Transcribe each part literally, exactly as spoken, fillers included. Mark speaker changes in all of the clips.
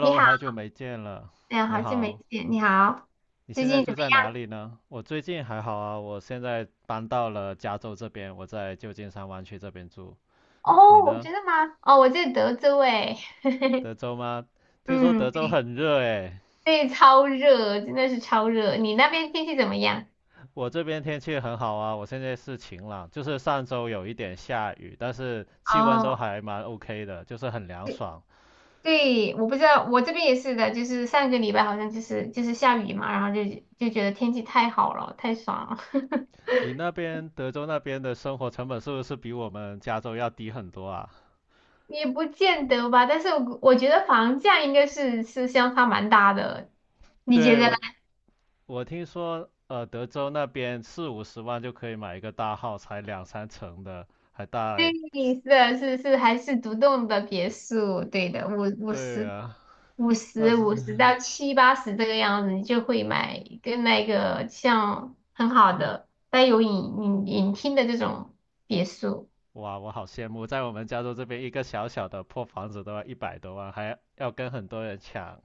Speaker 1: 你 好，
Speaker 2: 好久没见了，
Speaker 1: 哎呀，
Speaker 2: 你
Speaker 1: 好久没
Speaker 2: 好。
Speaker 1: 见，你好，
Speaker 2: 你
Speaker 1: 最
Speaker 2: 现在
Speaker 1: 近怎
Speaker 2: 住
Speaker 1: 么
Speaker 2: 在
Speaker 1: 样？
Speaker 2: 哪里呢？我最近还好啊，我现在搬到了加州这边，我在旧金山湾区这边住。你
Speaker 1: 哦，
Speaker 2: 呢？
Speaker 1: 真的吗？哦，我在德州哎，
Speaker 2: 德州吗？听说
Speaker 1: 嗯，
Speaker 2: 德州
Speaker 1: 对，
Speaker 2: 很热诶。
Speaker 1: 对，超热，真的是超热。你那边天气怎么样？
Speaker 2: 我这边天气很好啊，我现在是晴朗，就是上周有一点下雨，但是气温都
Speaker 1: 哦，
Speaker 2: 还蛮 OK 的，就是很凉
Speaker 1: 对
Speaker 2: 爽。
Speaker 1: 对，我不知道，我这边也是的，就是上个礼拜好像就是就是下雨嘛，然后就就觉得天气太好了，太爽了。
Speaker 2: 你那边德州那边的生活成本是不是比我们加州要低很多啊？
Speaker 1: 也不见得吧，但是我我觉得房价应该是是相差蛮大的，你觉
Speaker 2: 对，
Speaker 1: 得？
Speaker 2: 我我听说，呃，德州那边四五十万就可以买一个大号，才两三层的，还带。
Speaker 1: 对，是的，是是还是独栋的别墅，对的，五五
Speaker 2: 对
Speaker 1: 十
Speaker 2: 啊，
Speaker 1: 五
Speaker 2: 但
Speaker 1: 十
Speaker 2: 是
Speaker 1: 五十到七八十这个样子，你就会买一个那个像很好的带有影影影厅的这种别墅，
Speaker 2: 哇，我好羡慕，在我们加州这边一个小小的破房子都要一百多万，还要跟很多人抢。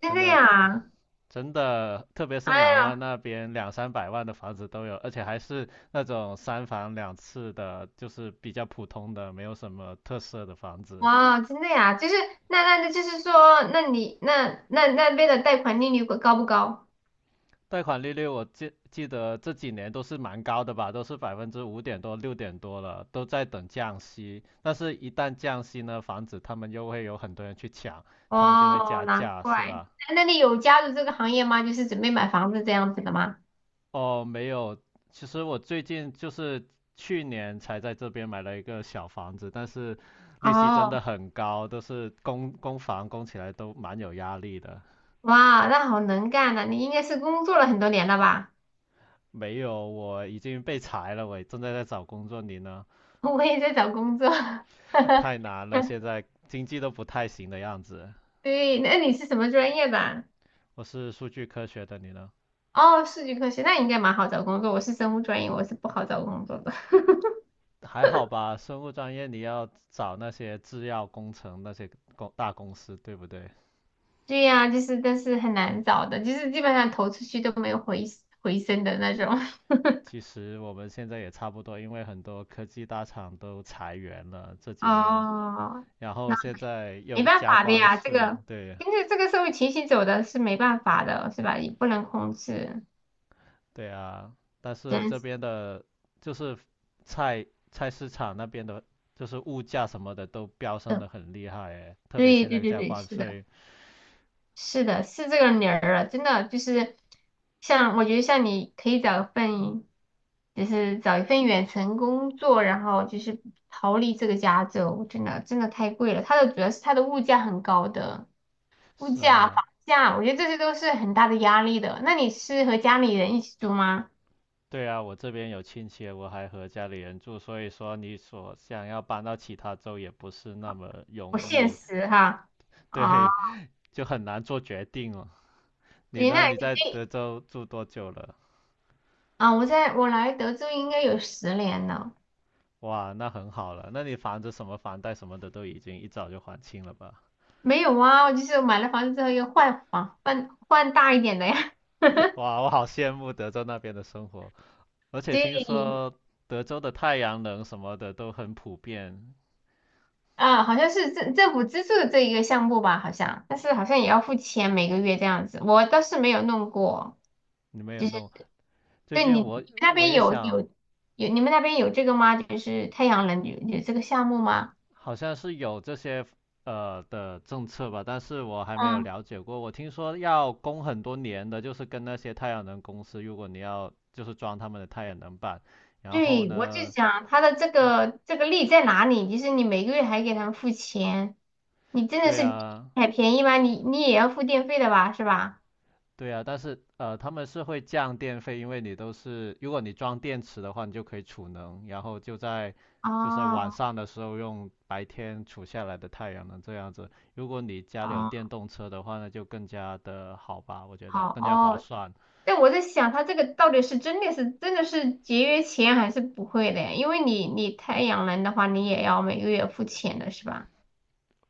Speaker 1: 真
Speaker 2: 真
Speaker 1: 的
Speaker 2: 的，
Speaker 1: 呀？
Speaker 2: 真的，特别
Speaker 1: 哎
Speaker 2: 是南湾
Speaker 1: 呀，
Speaker 2: 那边两三百万的房子都有，而且还是那种三房两室的，就是比较普通的，没有什么特色的房子。
Speaker 1: 哇，真的呀？就是那那那就是说，那你那那那边的贷款利率高不高？
Speaker 2: 贷款利率我记记得这几年都是蛮高的吧，都是百分之五点多、六点多了，都在等降息。但是，一旦降息呢，房子他们又会有很多人去抢，他们就会
Speaker 1: 哦，
Speaker 2: 加
Speaker 1: 难
Speaker 2: 价，是
Speaker 1: 怪。
Speaker 2: 吧？
Speaker 1: 那那你有加入这个行业吗？就是准备买房子这样子的吗？
Speaker 2: 哦，没有，其实我最近就是去年才在这边买了一个小房子，但是利息真的
Speaker 1: 哦。
Speaker 2: 很高，都是供供房供起来都蛮有压力的。
Speaker 1: 哇，那好能干呐、你应该是工作了很多年了吧？
Speaker 2: 没有，我已经被裁了，我正在在找工作，你呢？
Speaker 1: 我也在找工作。哈
Speaker 2: 太难了，
Speaker 1: 哈。
Speaker 2: 现在经济都不太行的样子。
Speaker 1: 对，那你是什么专业的？
Speaker 2: 我是数据科学的，你呢？
Speaker 1: 哦，数据科学，那应该蛮好找工作。我是生物专业，我是不好找工作的。
Speaker 2: 还好吧，生物专业你要找那些制药工程那些公大公司，对不对？
Speaker 1: 对呀、就是但是很难找的，就是基本上投出去都没有回回声的那种。
Speaker 2: 其实我们现在也差不多，因为很多科技大厂都裁员了这几年，
Speaker 1: 哦，
Speaker 2: 然
Speaker 1: 那
Speaker 2: 后现在
Speaker 1: 没
Speaker 2: 又
Speaker 1: 办
Speaker 2: 加
Speaker 1: 法的
Speaker 2: 关
Speaker 1: 呀，这
Speaker 2: 税，
Speaker 1: 个
Speaker 2: 对，
Speaker 1: 跟着这个社会情形走的是没办法的，是吧？也不能控制，
Speaker 2: 对啊。但是
Speaker 1: 真
Speaker 2: 这
Speaker 1: 是
Speaker 2: 边的，就是菜菜市场那边的，就是物价什么的都飙升
Speaker 1: 的。
Speaker 2: 的很厉害诶，特别
Speaker 1: 对
Speaker 2: 现
Speaker 1: 对
Speaker 2: 在
Speaker 1: 对
Speaker 2: 加
Speaker 1: 对，
Speaker 2: 关
Speaker 1: 是的。
Speaker 2: 税，
Speaker 1: 是的，是这个理儿了，真的就是像我觉得像你可以找一份，就是找一份远程工作，然后就是逃离这个加州，真的真的太贵了。它的主要是它的物价很高的，物
Speaker 2: 是
Speaker 1: 价、房
Speaker 2: 啊。
Speaker 1: 价，我觉得这些都是很大的压力的。那你是和家里人一起住吗？
Speaker 2: 对啊，我这边有亲戚，我还和家里人住，所以说你所想要搬到其他州也不是那么
Speaker 1: 不
Speaker 2: 容
Speaker 1: 现
Speaker 2: 易，
Speaker 1: 实哈。
Speaker 2: 对，
Speaker 1: 啊，
Speaker 2: 就很难做决定哦。你
Speaker 1: 对，那
Speaker 2: 呢？你
Speaker 1: 你
Speaker 2: 在
Speaker 1: 可以
Speaker 2: 德州住多久了？
Speaker 1: 啊，我在我来德州应该有十年了。
Speaker 2: 哇，那很好了，那你房子什么房贷什么的都已经一早就还清了吧？
Speaker 1: 没有啊，我就是买了房子之后又换房，换换大一点的呀。
Speaker 2: 哇，我好羡慕德州那边的生活，而且听
Speaker 1: 对，
Speaker 2: 说德州的太阳能什么的都很普遍。
Speaker 1: 啊，好像是政政府资助的这一个项目吧，好像，但是好像也要付钱每个月这样子，我倒是没有弄过。
Speaker 2: 你没有弄？最
Speaker 1: 对，
Speaker 2: 近
Speaker 1: 你你们
Speaker 2: 我
Speaker 1: 那
Speaker 2: 我
Speaker 1: 边
Speaker 2: 也
Speaker 1: 有
Speaker 2: 想
Speaker 1: 有有你们那边有这个吗？就是太阳能有有这个项目吗？
Speaker 2: 好像是有这些呃的政策吧，但是我还没有
Speaker 1: 嗯，
Speaker 2: 了解过。我听说要供很多年的，就是跟那些太阳能公司，如果你要就是装他们的太阳能板，然后
Speaker 1: 对，我就
Speaker 2: 呢，
Speaker 1: 想它的这个这个利在哪里？就是你每个月还给他们付钱，你真的
Speaker 2: 对
Speaker 1: 是
Speaker 2: 啊，
Speaker 1: 还便宜吗？你你也要付电费的吧，是吧？
Speaker 2: 对啊，但是呃他们是会降电费，因为你都是如果你装电池的话，你就可以储能，然后就在就是晚
Speaker 1: 哦，
Speaker 2: 上的时候用白天储下来的太阳能这样子。如果你家里有
Speaker 1: 哦，
Speaker 2: 电动车的话那就更加的好吧，我觉得
Speaker 1: 好
Speaker 2: 更加划
Speaker 1: 哦，
Speaker 2: 算。
Speaker 1: 但我在想，它这个到底是真的是真的是节约钱还是不会的？因为你你太阳能的话，你也要每个月付钱的是吧？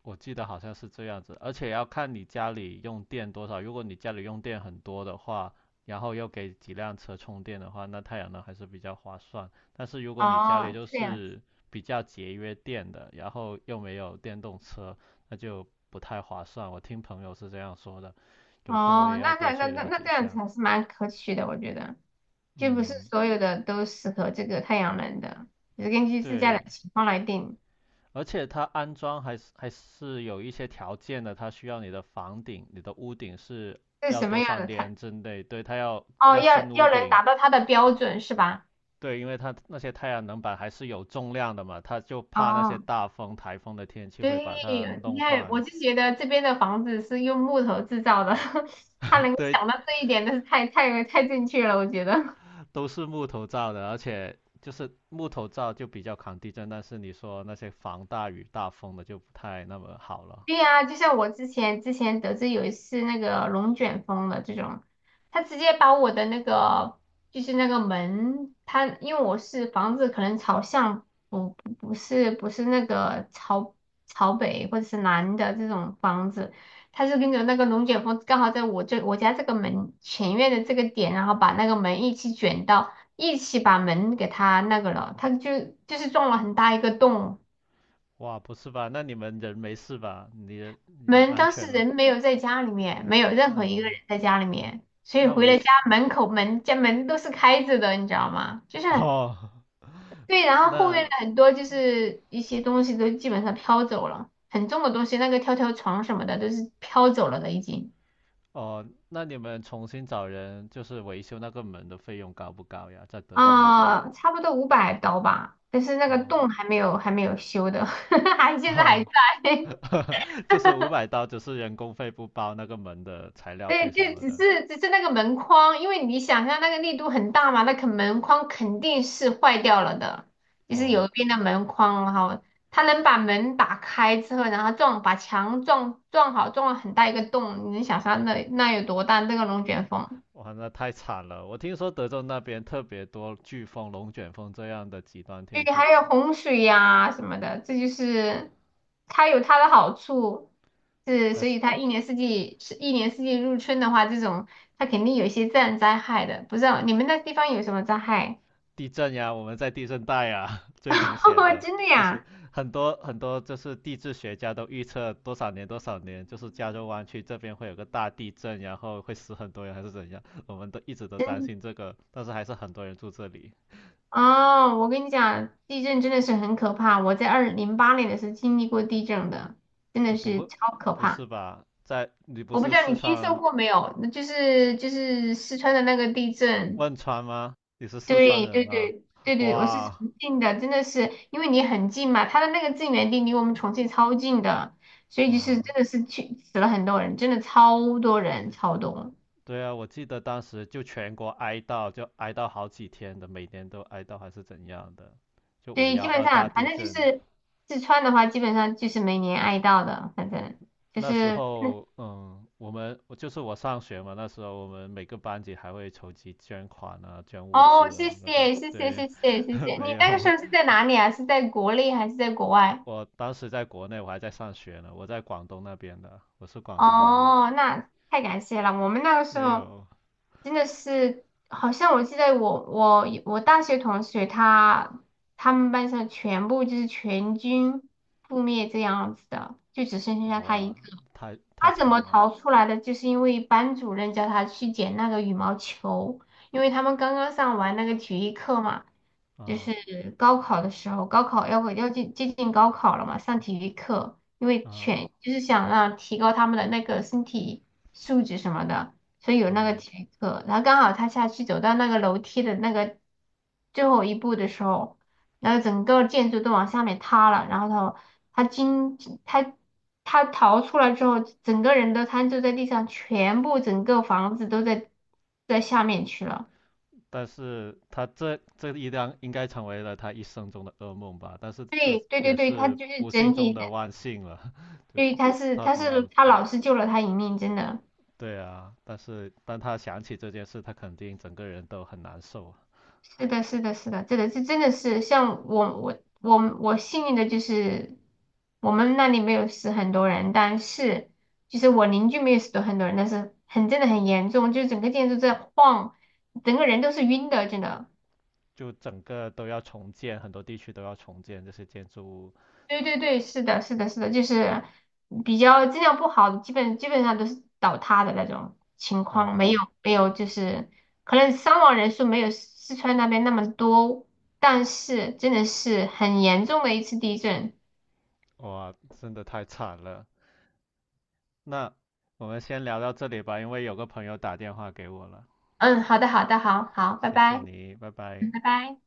Speaker 2: 我记得好像是这样子，而且要看你家里用电多少。如果你家里用电很多的话，然后又给几辆车充电的话，那太阳能还是比较划算。但是如果你家里
Speaker 1: 哦，
Speaker 2: 就
Speaker 1: 这样子。
Speaker 2: 是比较节约电的，然后又没有电动车，那就不太划算。我听朋友是这样说的，有空我也
Speaker 1: 哦，
Speaker 2: 要
Speaker 1: 那那
Speaker 2: 多
Speaker 1: 那
Speaker 2: 去
Speaker 1: 那
Speaker 2: 了
Speaker 1: 那
Speaker 2: 解一
Speaker 1: 这样
Speaker 2: 下。
Speaker 1: 子还是蛮可取的，我觉得，就不是
Speaker 2: 嗯，
Speaker 1: 所有的都适合这个太阳能的，就是根据自家的
Speaker 2: 对，
Speaker 1: 情况来定，
Speaker 2: 而且它安装还是还是有一些条件的，它需要你的房顶、你的屋顶是
Speaker 1: 是
Speaker 2: 要
Speaker 1: 什么
Speaker 2: 多
Speaker 1: 样
Speaker 2: 少
Speaker 1: 的
Speaker 2: 年
Speaker 1: 菜，
Speaker 2: 之内，对，它要
Speaker 1: 哦，
Speaker 2: 要
Speaker 1: 要
Speaker 2: 新屋
Speaker 1: 要能
Speaker 2: 顶，
Speaker 1: 达到它的标准是吧？
Speaker 2: 对，因为它那些太阳能板还是有重量的嘛，它就怕那些
Speaker 1: 哦。
Speaker 2: 大风、台风的天气会
Speaker 1: 对，
Speaker 2: 把它
Speaker 1: 你
Speaker 2: 弄
Speaker 1: 看，
Speaker 2: 坏。
Speaker 1: 我就觉得这边的房子是用木头制造的，他能够
Speaker 2: 对，
Speaker 1: 想到这一点，那是太太太正确了，我觉得。
Speaker 2: 都是木头造的，而且就是木头造就比较抗地震，但是你说那些防大雨大风的就不太那么好了。
Speaker 1: 对呀，就像我之前之前得知有一次那个龙卷风的这种，他直接把我的那个就是那个门，他因为我是房子可能朝向不不不是不是那个朝朝北或者是南的这种房子，他是跟着那个龙卷风刚好在我这我家这个门前院的这个点，然后把那个门一起卷到一起把门给它那个了，他就就是撞了很大一个洞。
Speaker 2: 哇，不是吧？那你们人没事吧？你人
Speaker 1: 门
Speaker 2: 安
Speaker 1: 当时
Speaker 2: 全吗？
Speaker 1: 人没有在家里面，没有任何一个人
Speaker 2: 哦。
Speaker 1: 在家里面，所以
Speaker 2: 那
Speaker 1: 回
Speaker 2: 维
Speaker 1: 了
Speaker 2: 修
Speaker 1: 家门口门家门都是开着的，你知道吗？就是
Speaker 2: 哦，
Speaker 1: 对，然后后面
Speaker 2: 那
Speaker 1: 的很多就是一些东西都基本上飘走了，很重的东西，那个跳跳床什么的都是飘走了的已经。
Speaker 2: 哦，那你们重新找人就是维修那个门的费用高不高呀？在德州那边
Speaker 1: 啊、差不多五百刀吧，但是那个
Speaker 2: 哦，
Speaker 1: 洞还没有还没有修的，还现在还
Speaker 2: 哈，
Speaker 1: 在。
Speaker 2: 就是五百刀，只是人工费不包那个门的材料费
Speaker 1: 对，就
Speaker 2: 什么
Speaker 1: 只
Speaker 2: 的。
Speaker 1: 是只是那个门框，因为你想象那个力度很大嘛，那个门框肯定是坏掉了的，就是有
Speaker 2: 哦，
Speaker 1: 一边的门框，然后它能把门打开之后，然后撞把墙撞撞好，撞了很大一个洞，你能想象那那有多大？那个龙卷风，
Speaker 2: 哇，那太惨了！我听说德州那边特别多飓风、龙卷风这样的极端天
Speaker 1: 对，
Speaker 2: 气，
Speaker 1: 还有洪水呀、什么的，这就是它有它的好处，是
Speaker 2: 但
Speaker 1: 所以
Speaker 2: 是
Speaker 1: 它一年四季是一年四季入春的话，这种它肯定有一些自然灾害的，不知道你们那地方有什么灾害？
Speaker 2: 地震呀，我们在地震带呀，最明显 的
Speaker 1: 真的
Speaker 2: 就是
Speaker 1: 呀，
Speaker 2: 很多很多就是地质学家都预测多少年多少年，就是加州湾区这边会有个大地震，然后会死很多人还是怎样，我们都一直都担
Speaker 1: 真
Speaker 2: 心这个，但是还是很多人住这里。
Speaker 1: 哦，我跟你讲，地震真的是很可怕。我在二零零八年的时候经历过地震的，真
Speaker 2: 你
Speaker 1: 的
Speaker 2: 不
Speaker 1: 是
Speaker 2: 会，
Speaker 1: 超可
Speaker 2: 不是
Speaker 1: 怕。
Speaker 2: 吧？在，你不
Speaker 1: 我不知
Speaker 2: 是
Speaker 1: 道
Speaker 2: 四
Speaker 1: 你听说
Speaker 2: 川
Speaker 1: 过没有，那就是就是四川的那个地震。
Speaker 2: 汶川吗？你是四川
Speaker 1: 对
Speaker 2: 人
Speaker 1: 对
Speaker 2: 吗？
Speaker 1: 对对对，我是
Speaker 2: 哇，
Speaker 1: 重庆的，真的是因为你很近嘛，它的那个震源地离我们重庆超近的，所以就是
Speaker 2: 哦，
Speaker 1: 真的是去死了很多人，真的超多人，超多。
Speaker 2: 对啊，我记得当时就全国哀悼，就哀悼好几天的，每年都哀悼还是怎样的，就五
Speaker 1: 对，
Speaker 2: 幺
Speaker 1: 基本
Speaker 2: 二大
Speaker 1: 上反
Speaker 2: 地
Speaker 1: 正就
Speaker 2: 震。
Speaker 1: 是四川的话，基本上就是每年爱到的，反正就
Speaker 2: 那时
Speaker 1: 是
Speaker 2: 候，嗯，我们我就是我上学嘛，那时候我们每个班级还会筹集捐款啊，捐物
Speaker 1: 哦，
Speaker 2: 资啊。
Speaker 1: 谢
Speaker 2: 那当时
Speaker 1: 谢谢谢
Speaker 2: 对，
Speaker 1: 谢谢谢 谢，
Speaker 2: 没
Speaker 1: 你那个时
Speaker 2: 有，
Speaker 1: 候是在哪里啊？是在国内还是在国外？
Speaker 2: 我当时在国内，我还在上学呢，我在广东那边的，我是广东人。
Speaker 1: 哦，那太感谢了，我们那个时
Speaker 2: 没
Speaker 1: 候
Speaker 2: 有，
Speaker 1: 真的是，好像我记得我我我大学同学他他们班上全部就是全军覆灭这样子的，就只剩下他一
Speaker 2: 哇，
Speaker 1: 个。
Speaker 2: 太太
Speaker 1: 他怎
Speaker 2: 惨
Speaker 1: 么
Speaker 2: 了，
Speaker 1: 逃出来的？就是因为班主任叫他去捡那个羽毛球，因为他们刚刚上完那个体育课嘛，就
Speaker 2: 啊
Speaker 1: 是高考的时候，高考要要接接近高考了嘛，上体育课，因为
Speaker 2: 啊，嗯。
Speaker 1: 全就是想让提高他们的那个身体素质什么的，所以有那个
Speaker 2: 嗯
Speaker 1: 体育课。然后刚好他下去走到那个楼梯的那个最后一步的时候，然后整个建筑都往下面塌了，然后他他经他他逃出来之后，整个人都瘫坐在地上，全部整个房子都在在下面去了。
Speaker 2: 但是他这这一辆应该成为了他一生中的噩梦吧，但是这
Speaker 1: 对对对
Speaker 2: 也
Speaker 1: 对，他
Speaker 2: 是
Speaker 1: 就是
Speaker 2: 不幸
Speaker 1: 整
Speaker 2: 中
Speaker 1: 体的，
Speaker 2: 的万幸了，就
Speaker 1: 对，他是
Speaker 2: 他
Speaker 1: 他是
Speaker 2: 能
Speaker 1: 他老师救了他一命，真的。
Speaker 2: 对啊，但是当他想起这件事，他肯定整个人都很难受啊，
Speaker 1: 是的，是的，是的，这个这真的是像我我我我幸运的就是我们那里没有死很多人，但是就是我邻居没有死很多人，但是很真的很严重，就是整个建筑在晃，整个人都是晕的，真的。
Speaker 2: 就整个都要重建，很多地区都要重建这些建筑物，
Speaker 1: 对对对，是的，是的，是的，就是比较质量不好的，基本基本上都是倒塌的那种情况，没
Speaker 2: 哇
Speaker 1: 有没有就是可能伤亡人数没有四川那边那么多，但是真的是很严重的一次地震。
Speaker 2: 哇，真的太惨了。那我们先聊到这里吧，因为有个朋友打电话给我了，
Speaker 1: 嗯，好的，好的，好好，拜
Speaker 2: 谢
Speaker 1: 拜，
Speaker 2: 谢你，拜拜。
Speaker 1: 嗯拜拜。